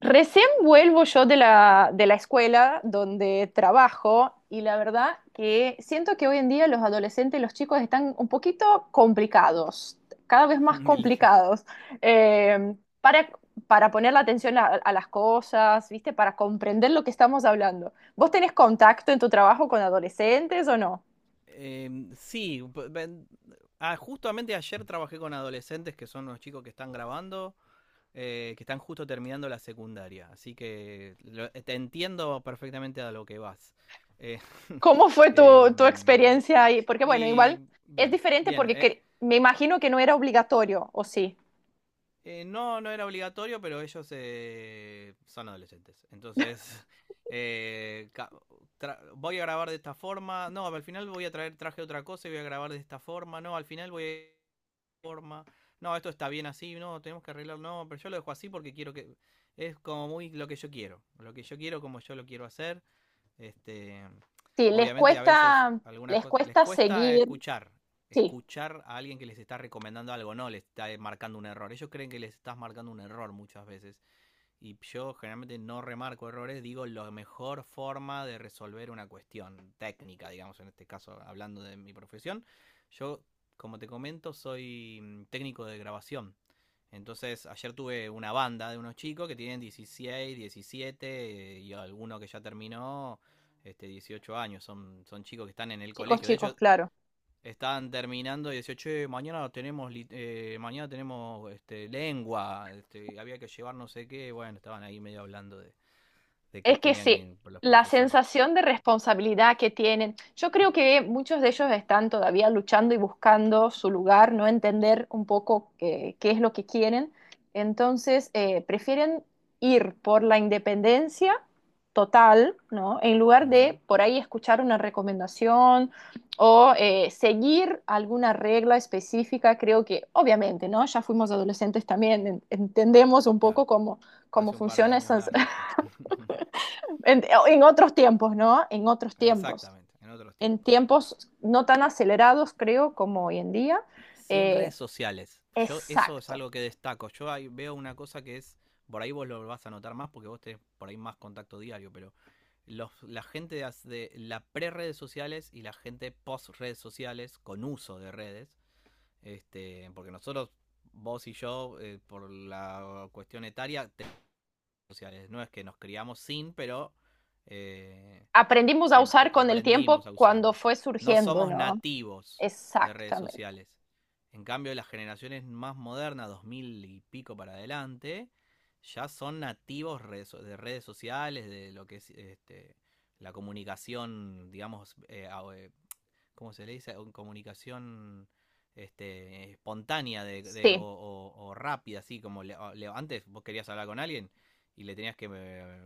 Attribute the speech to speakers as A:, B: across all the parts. A: Recién vuelvo yo de la escuela donde trabajo y la verdad que siento que hoy en día los adolescentes y los chicos están un poquito complicados, cada vez más
B: Li-
A: complicados, eh, para, para poner la atención a las cosas, ¿viste? Para comprender lo que estamos hablando. ¿Vos tenés contacto en tu trabajo con adolescentes o no?
B: sí. Justamente ayer trabajé con adolescentes que son los chicos que están grabando, que están justo terminando la secundaria, así que te entiendo perfectamente a lo que vas. Eh,
A: ¿Cómo fue tu
B: em,
A: experiencia ahí? Porque bueno,
B: y
A: igual es
B: bien,
A: diferente
B: bien.
A: porque me imagino que no era obligatorio, ¿o sí?
B: No, no era obligatorio, pero ellos son adolescentes. Entonces, eh, ca- voy a grabar de esta forma. No, al final voy a traer, traje otra cosa y voy a grabar de esta forma. No, al final voy a de esta forma. No, esto está bien así. No, tenemos que arreglarlo. No, pero yo lo dejo así porque quiero que. Es como muy lo que yo quiero. Lo que yo quiero, como yo lo quiero hacer. Este,
A: Sí,
B: obviamente a veces algunas
A: les
B: cosas les
A: cuesta
B: cuesta
A: seguir,
B: escuchar,
A: sí,
B: escuchar a alguien que les está recomendando algo, no les está marcando un error. Ellos creen que les estás marcando un error muchas veces y yo generalmente no remarco errores, digo la mejor forma de resolver una cuestión técnica, digamos, en este caso hablando de mi profesión. Yo, como te comento, soy técnico de grabación. Entonces, ayer tuve una banda de unos chicos que tienen 16, 17 y alguno que ya terminó este 18 años, son chicos que están en el
A: chicos,
B: colegio. De
A: chicos,
B: hecho,
A: claro.
B: estaban terminando y decía: che, mañana tenemos, mañana tenemos este, lengua, este, había que llevar no sé qué. Bueno, estaban ahí medio hablando de que
A: Es que
B: tenían
A: sí,
B: que los
A: la
B: profesores.
A: sensación de responsabilidad que tienen, yo creo que muchos de ellos están todavía luchando y buscando su lugar, no entender un poco qué es lo que quieren. Entonces, prefieren ir por la independencia total, ¿no? En lugar de
B: Ujú.
A: por ahí escuchar una recomendación o seguir alguna regla específica. Creo que, obviamente, ¿no? Ya fuimos adolescentes también, entendemos un poco
B: Claro,
A: cómo, cómo
B: hace un par de
A: funcionan
B: años
A: esas...
B: largos, sí.
A: En otros tiempos, ¿no? En otros tiempos.
B: Exactamente, en otros
A: En
B: tiempos.
A: tiempos no tan acelerados, creo, como hoy en día.
B: Sin
A: Eh,
B: redes sociales. Yo eso es
A: exacto.
B: algo que destaco. Yo ahí veo una cosa que es, por ahí vos lo vas a notar más porque vos tenés por ahí más contacto diario, pero los, la gente de la pre-redes sociales y la gente post-redes sociales con uso de redes, este, porque nosotros, vos y yo, por la cuestión etaria, redes sociales. No es que nos criamos sin, pero eh,
A: Aprendimos a usar con el
B: aprendimos
A: tiempo
B: a
A: cuando
B: usarlas.
A: fue
B: No
A: surgiendo,
B: somos
A: ¿no?
B: nativos de redes
A: Exactamente.
B: sociales. En cambio, las generaciones más modernas, 2000 y pico para adelante, ya son nativos de redes sociales, de lo que es este, la comunicación, digamos, como se le dice, comunicación este, espontánea de, o,
A: Sí.
B: o rápida, así como antes vos querías hablar con alguien y le tenías que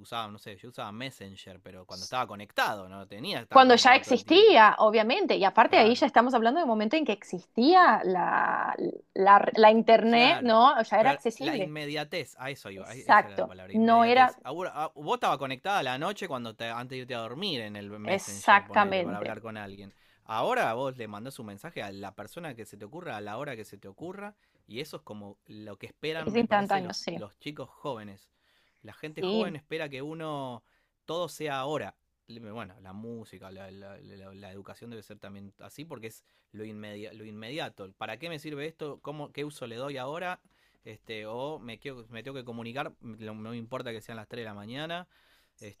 B: usaba, no sé, yo usaba Messenger, pero cuando estaba conectado, no tenía, estaba
A: Cuando ya
B: conectado todo el tiempo.
A: existía, obviamente. Y aparte ahí ya
B: Claro.
A: estamos hablando del momento en que existía la internet,
B: Claro.
A: ¿no? Ya era
B: Pero la
A: accesible.
B: inmediatez, a eso iba, esa era la
A: Exacto.
B: palabra,
A: No era
B: inmediatez. A vos, vos estaba conectada a la noche cuando te, antes de irte a dormir en el Messenger, ponele, para
A: exactamente.
B: hablar con alguien. Ahora vos le mandás un mensaje a la persona que se te ocurra, a la hora que se te ocurra, y eso es como lo que esperan,
A: Es
B: me parece,
A: instantáneo, sí.
B: los chicos jóvenes. La gente
A: Sí.
B: joven espera que uno, todo sea ahora. Bueno, la música, la, la educación debe ser también así, porque es lo, lo inmediato. ¿Para qué me sirve esto? ¿Cómo, ¿qué uso le doy ahora? Este, o me, me tengo que comunicar, no me importa que sean las 3 de la mañana.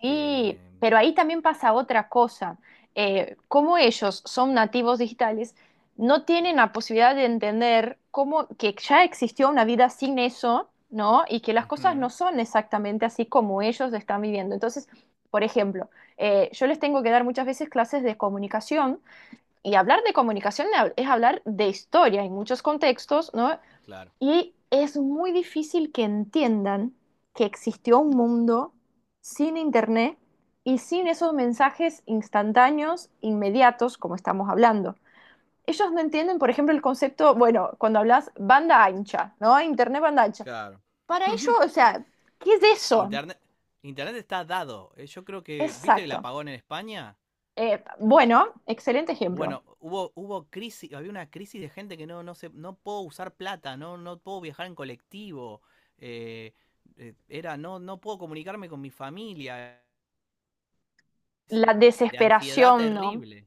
A: Sí, pero ahí también pasa otra cosa. Como ellos son nativos digitales, no tienen la posibilidad de entender cómo que ya existió una vida sin eso, ¿no? Y que las cosas no
B: ujú,
A: son exactamente así como ellos están viviendo. Entonces, por ejemplo, yo les tengo que dar muchas veces clases de comunicación y hablar de comunicación es hablar de historia en muchos contextos, ¿no?
B: claro.
A: Y es muy difícil que entiendan que existió un mundo sin internet y sin esos mensajes instantáneos, inmediatos, como estamos hablando. Ellos no entienden, por ejemplo, el concepto, bueno, cuando hablas banda ancha, ¿no? Internet banda ancha.
B: Claro.
A: Para ellos, o sea, ¿qué es eso?
B: Internet, Internet está dado. Yo creo que, ¿viste el
A: Exacto.
B: apagón en España?
A: Bueno, excelente ejemplo.
B: Bueno, hubo, hubo crisis, había una crisis de gente que no, no se, no puedo usar plata, no, no puedo viajar en colectivo, eh, era, no, no puedo comunicarme con mi familia.
A: La
B: De ansiedad
A: desesperación, ¿no?
B: terrible.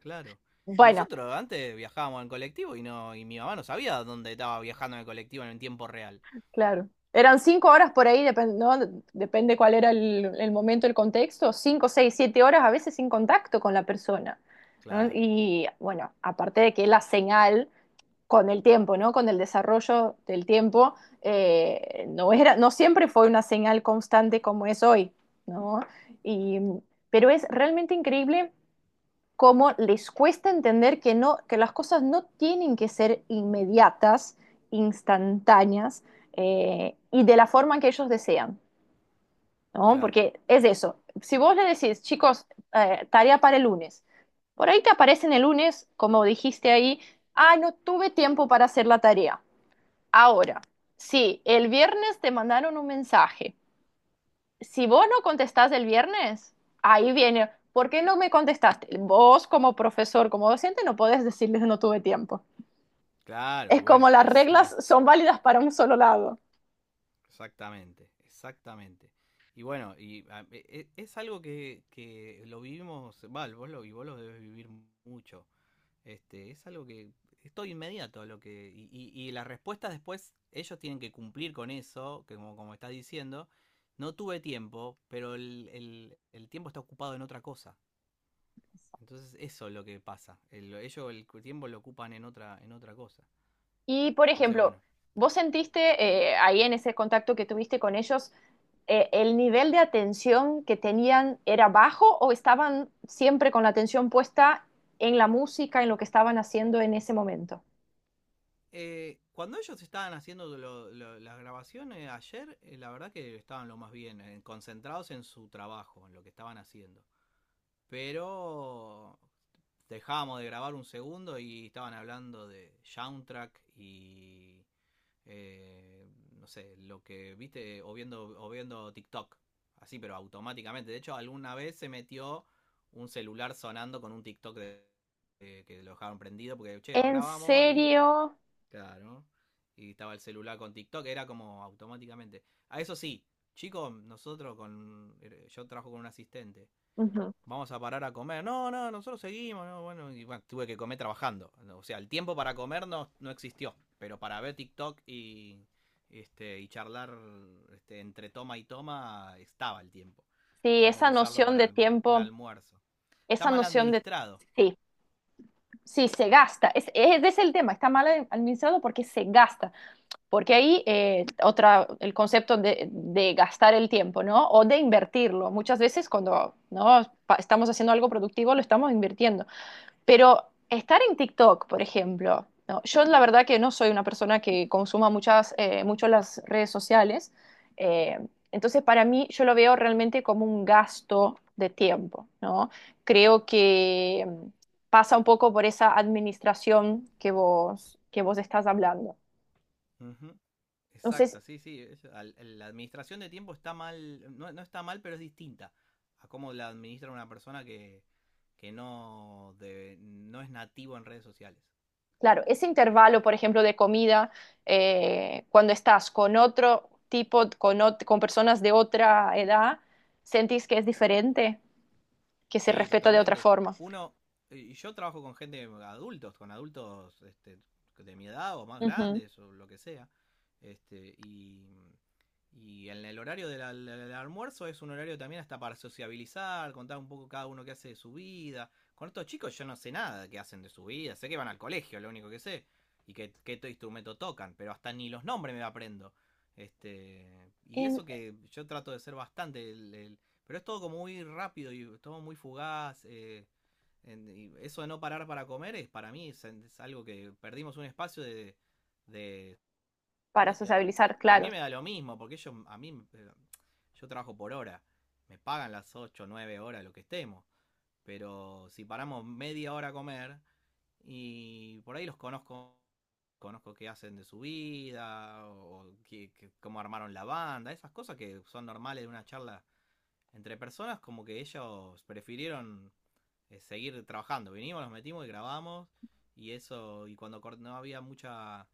B: Claro. Y
A: Bueno,
B: nosotros antes viajábamos en colectivo y no y mi mamá no sabía dónde estaba viajando en el colectivo en el tiempo real.
A: claro. Eran 5 horas por ahí, depende, ¿no? Depende cuál era el momento, el contexto, 5, 6, 7 horas a veces sin contacto con la persona. ¿No?
B: Claro,
A: Y bueno, aparte de que la señal con el tiempo, ¿no? Con el desarrollo del tiempo, no era, no siempre fue una señal constante como es hoy, ¿no? Y, pero es realmente increíble cómo les cuesta entender que, no, que las cosas no tienen que ser inmediatas, instantáneas, y de la forma que ellos desean, ¿no?
B: claro,
A: Porque es eso. Si vos le decís, chicos, tarea para el lunes, por ahí te aparecen el lunes, como dijiste ahí, ah, no tuve tiempo para hacer la tarea. Ahora, si el viernes te mandaron un mensaje, si vos no contestás el viernes, ahí viene, ¿por qué no me contestaste? Vos como profesor, como docente, no podés decirles no tuve tiempo.
B: claro.
A: Es
B: Bueno,
A: como las
B: es,
A: reglas son válidas para un solo lado.
B: exactamente, exactamente. Y bueno, y es algo que lo vivimos, Val, vos lo, y vos lo debes vivir mucho. Este, es algo que es todo inmediato a lo que. Y las respuestas después, ellos tienen que cumplir con eso, que como, como estás diciendo. No tuve tiempo, pero el tiempo está ocupado en otra cosa. Entonces eso es lo que pasa. Ellos el tiempo lo ocupan en otra cosa.
A: Y, por
B: Entonces,
A: ejemplo,
B: bueno.
A: vos sentiste ahí en ese contacto que tuviste con ellos, ¿el nivel de atención que tenían era bajo o estaban siempre con la atención puesta en la música, en lo que estaban haciendo en ese momento?
B: Cuando ellos estaban haciendo las grabaciones ayer, la verdad que estaban lo más bien, concentrados en su trabajo, en lo que estaban haciendo. Pero dejábamos de grabar un segundo y estaban hablando de soundtrack y no sé, lo que viste o viendo TikTok. Así, pero automáticamente. De hecho, alguna vez se metió un celular sonando con un TikTok de, que lo dejaron prendido porque, che,
A: ¿En
B: grabamos y...
A: serio?
B: Claro. Y estaba el celular con TikTok, era como automáticamente. A eso sí, chicos, nosotros con... Yo trabajo con un asistente,
A: Ujú.
B: vamos a parar a comer. No, no, nosotros seguimos, no, bueno, y bueno, tuve que comer trabajando. O sea, el tiempo para comer no, no existió, pero para ver TikTok y este y charlar este, entre toma y toma estaba el tiempo.
A: Sí,
B: Podemos
A: esa
B: usarlo
A: noción
B: para
A: de
B: un
A: tiempo,
B: almuerzo. Está
A: esa
B: mal
A: noción de
B: administrado.
A: sí, sí, se gasta. Ese es el tema, está mal administrado porque se gasta. Porque ahí otra, el concepto de gastar el tiempo, ¿no? O de invertirlo. Muchas veces cuando ¿no? Estamos haciendo algo productivo, lo estamos invirtiendo. Pero estar en TikTok, por ejemplo, ¿no? Yo la verdad que no soy una persona que consuma muchas, mucho las redes sociales, eh, entonces para mí yo lo veo realmente como un gasto de tiempo, ¿no? Creo que pasa un poco por esa administración que vos estás hablando.
B: Ujú.
A: Entonces,
B: Exacto, sí, sí. La administración de tiempo está mal, no, no está mal, pero es distinta a cómo la administra una persona que no, no es nativo en redes sociales.
A: claro, ese intervalo, por ejemplo, de comida, cuando estás con otro tipo, con, con personas de otra edad, ¿sentís que es diferente? Que se
B: Sí,
A: respeta de otra
B: totalmente.
A: forma.
B: Uno, y yo trabajo con gente adultos, con adultos este, de mi edad o más
A: Ujú.
B: grandes o lo que sea. Este, y en el horario del almuerzo es un horario también hasta para sociabilizar, contar un poco cada uno qué hace de su vida. Con estos chicos yo no sé nada de qué hacen de su vida, sé que van al colegio, lo único que sé, y qué, instrumento tocan, pero hasta ni los nombres me aprendo. Este, y
A: En-
B: eso que yo trato de ser bastante el, pero es todo como muy rápido y todo muy fugaz. Y eso de no parar para comer es para mí es algo que perdimos un espacio de... de- no,
A: para sociabilizar, claro.
B: mí me da lo mismo, porque ellos, a mí, yo trabajo por hora. Me pagan las 8 9 horas, lo que estemos. Pero si paramos media hora a comer y por ahí los conozco, conozco qué hacen de su vida o cómo armaron la banda, esas cosas que son normales de una charla entre personas como que ellos prefirieron seguir trabajando. Vinimos, nos metimos y grabamos y eso y cuando no había mucha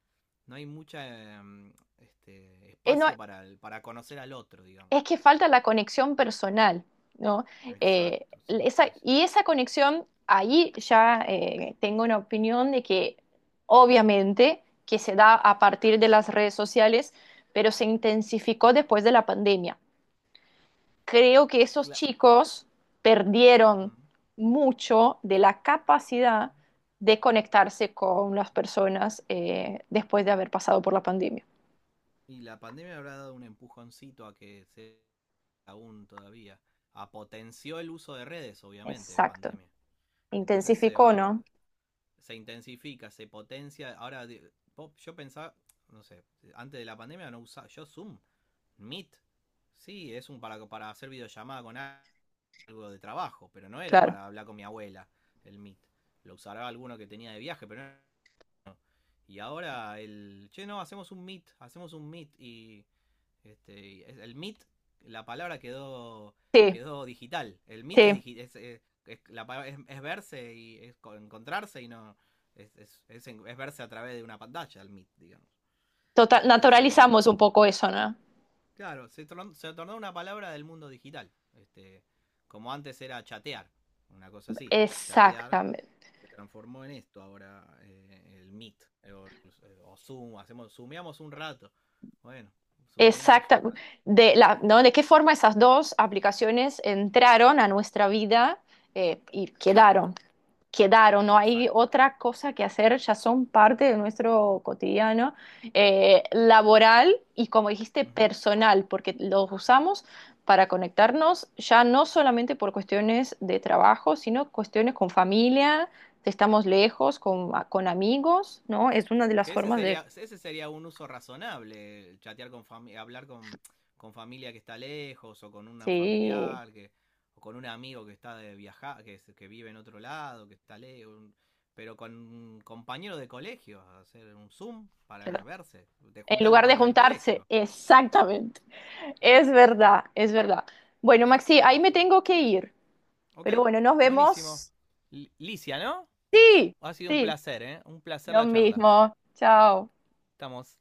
B: no hay mucha este
A: No,
B: espacio para para conocer al otro, digamos.
A: es que falta la conexión personal, ¿no?
B: Exacto, sí, sí,
A: Esa,
B: sí.
A: y esa conexión, ahí ya tengo una opinión de que obviamente que se da a partir de las redes sociales, pero se intensificó después de la pandemia. Creo que esos
B: Cla-
A: chicos perdieron
B: Ajá.
A: mucho de la capacidad de conectarse con las personas después de haber pasado por la pandemia.
B: Y la pandemia habrá dado un empujoncito a que se aún todavía. A potenció el uso de redes, obviamente,
A: Exacto.
B: pandemia. Entonces se
A: Intensificó,
B: va,
A: ¿no?
B: se intensifica, se potencia. Ahora, yo pensaba, no sé, antes de la pandemia no usaba yo Zoom, Meet. Sí, es un para hacer videollamada con algo de trabajo, pero no era
A: Claro.
B: para hablar con mi abuela el Meet. Lo usará alguno que tenía de viaje, pero no y ahora el. Che, no, hacemos un meet, hacemos un meet. Y. Este, el meet, la palabra quedó
A: Sí,
B: quedó digital. El meet es,
A: sí.
B: es, es la es verse y es encontrarse y no. Es, es verse a través de una pantalla, el meet, digamos.
A: Total,
B: Entonces,
A: naturalizamos un poco eso, ¿no?
B: claro, se tornó una palabra del mundo digital. Este, como antes era chatear, una cosa así. Chatear
A: Exactamente.
B: se transformó en esto ahora, el Meet, o Zoom, hacemos, zoomeamos un rato. Bueno, zoomeamos
A: Exacta.
B: un rato.
A: De, la, ¿no? ¿De qué forma esas dos aplicaciones entraron a nuestra vida y quedaron? Quedaron, no hay
B: Exacto.
A: otra cosa que hacer, ya son parte de nuestro cotidiano laboral y como dijiste,
B: Ujú.
A: personal, porque los usamos para conectarnos ya no solamente por cuestiones de trabajo, sino cuestiones con familia, si estamos lejos, con amigos, ¿no? Es una de las
B: Que
A: formas de...
B: ese sería un uso razonable, el chatear con familia, hablar con familia que está lejos, o con un
A: Sí,
B: familiar, que, o con un amigo que está de viajar, que, que vive en otro lado, que está lejos. Un- Pero con un compañero de colegio, hacer un Zoom para
A: claro.
B: verse. Te
A: En
B: juntás en la
A: lugar de
B: puerta del
A: juntarse,
B: colegio.
A: exactamente. Es verdad, es verdad. Bueno, Maxi, ahí me
B: Así
A: tengo que ir,
B: Ok,
A: pero bueno, nos
B: buenísimo.
A: vemos.
B: Licia, ¿no?
A: Sí,
B: Ha sido un
A: sí,
B: placer, ¿eh? Un placer
A: lo
B: la charla.
A: mismo. Chao.
B: Estamos.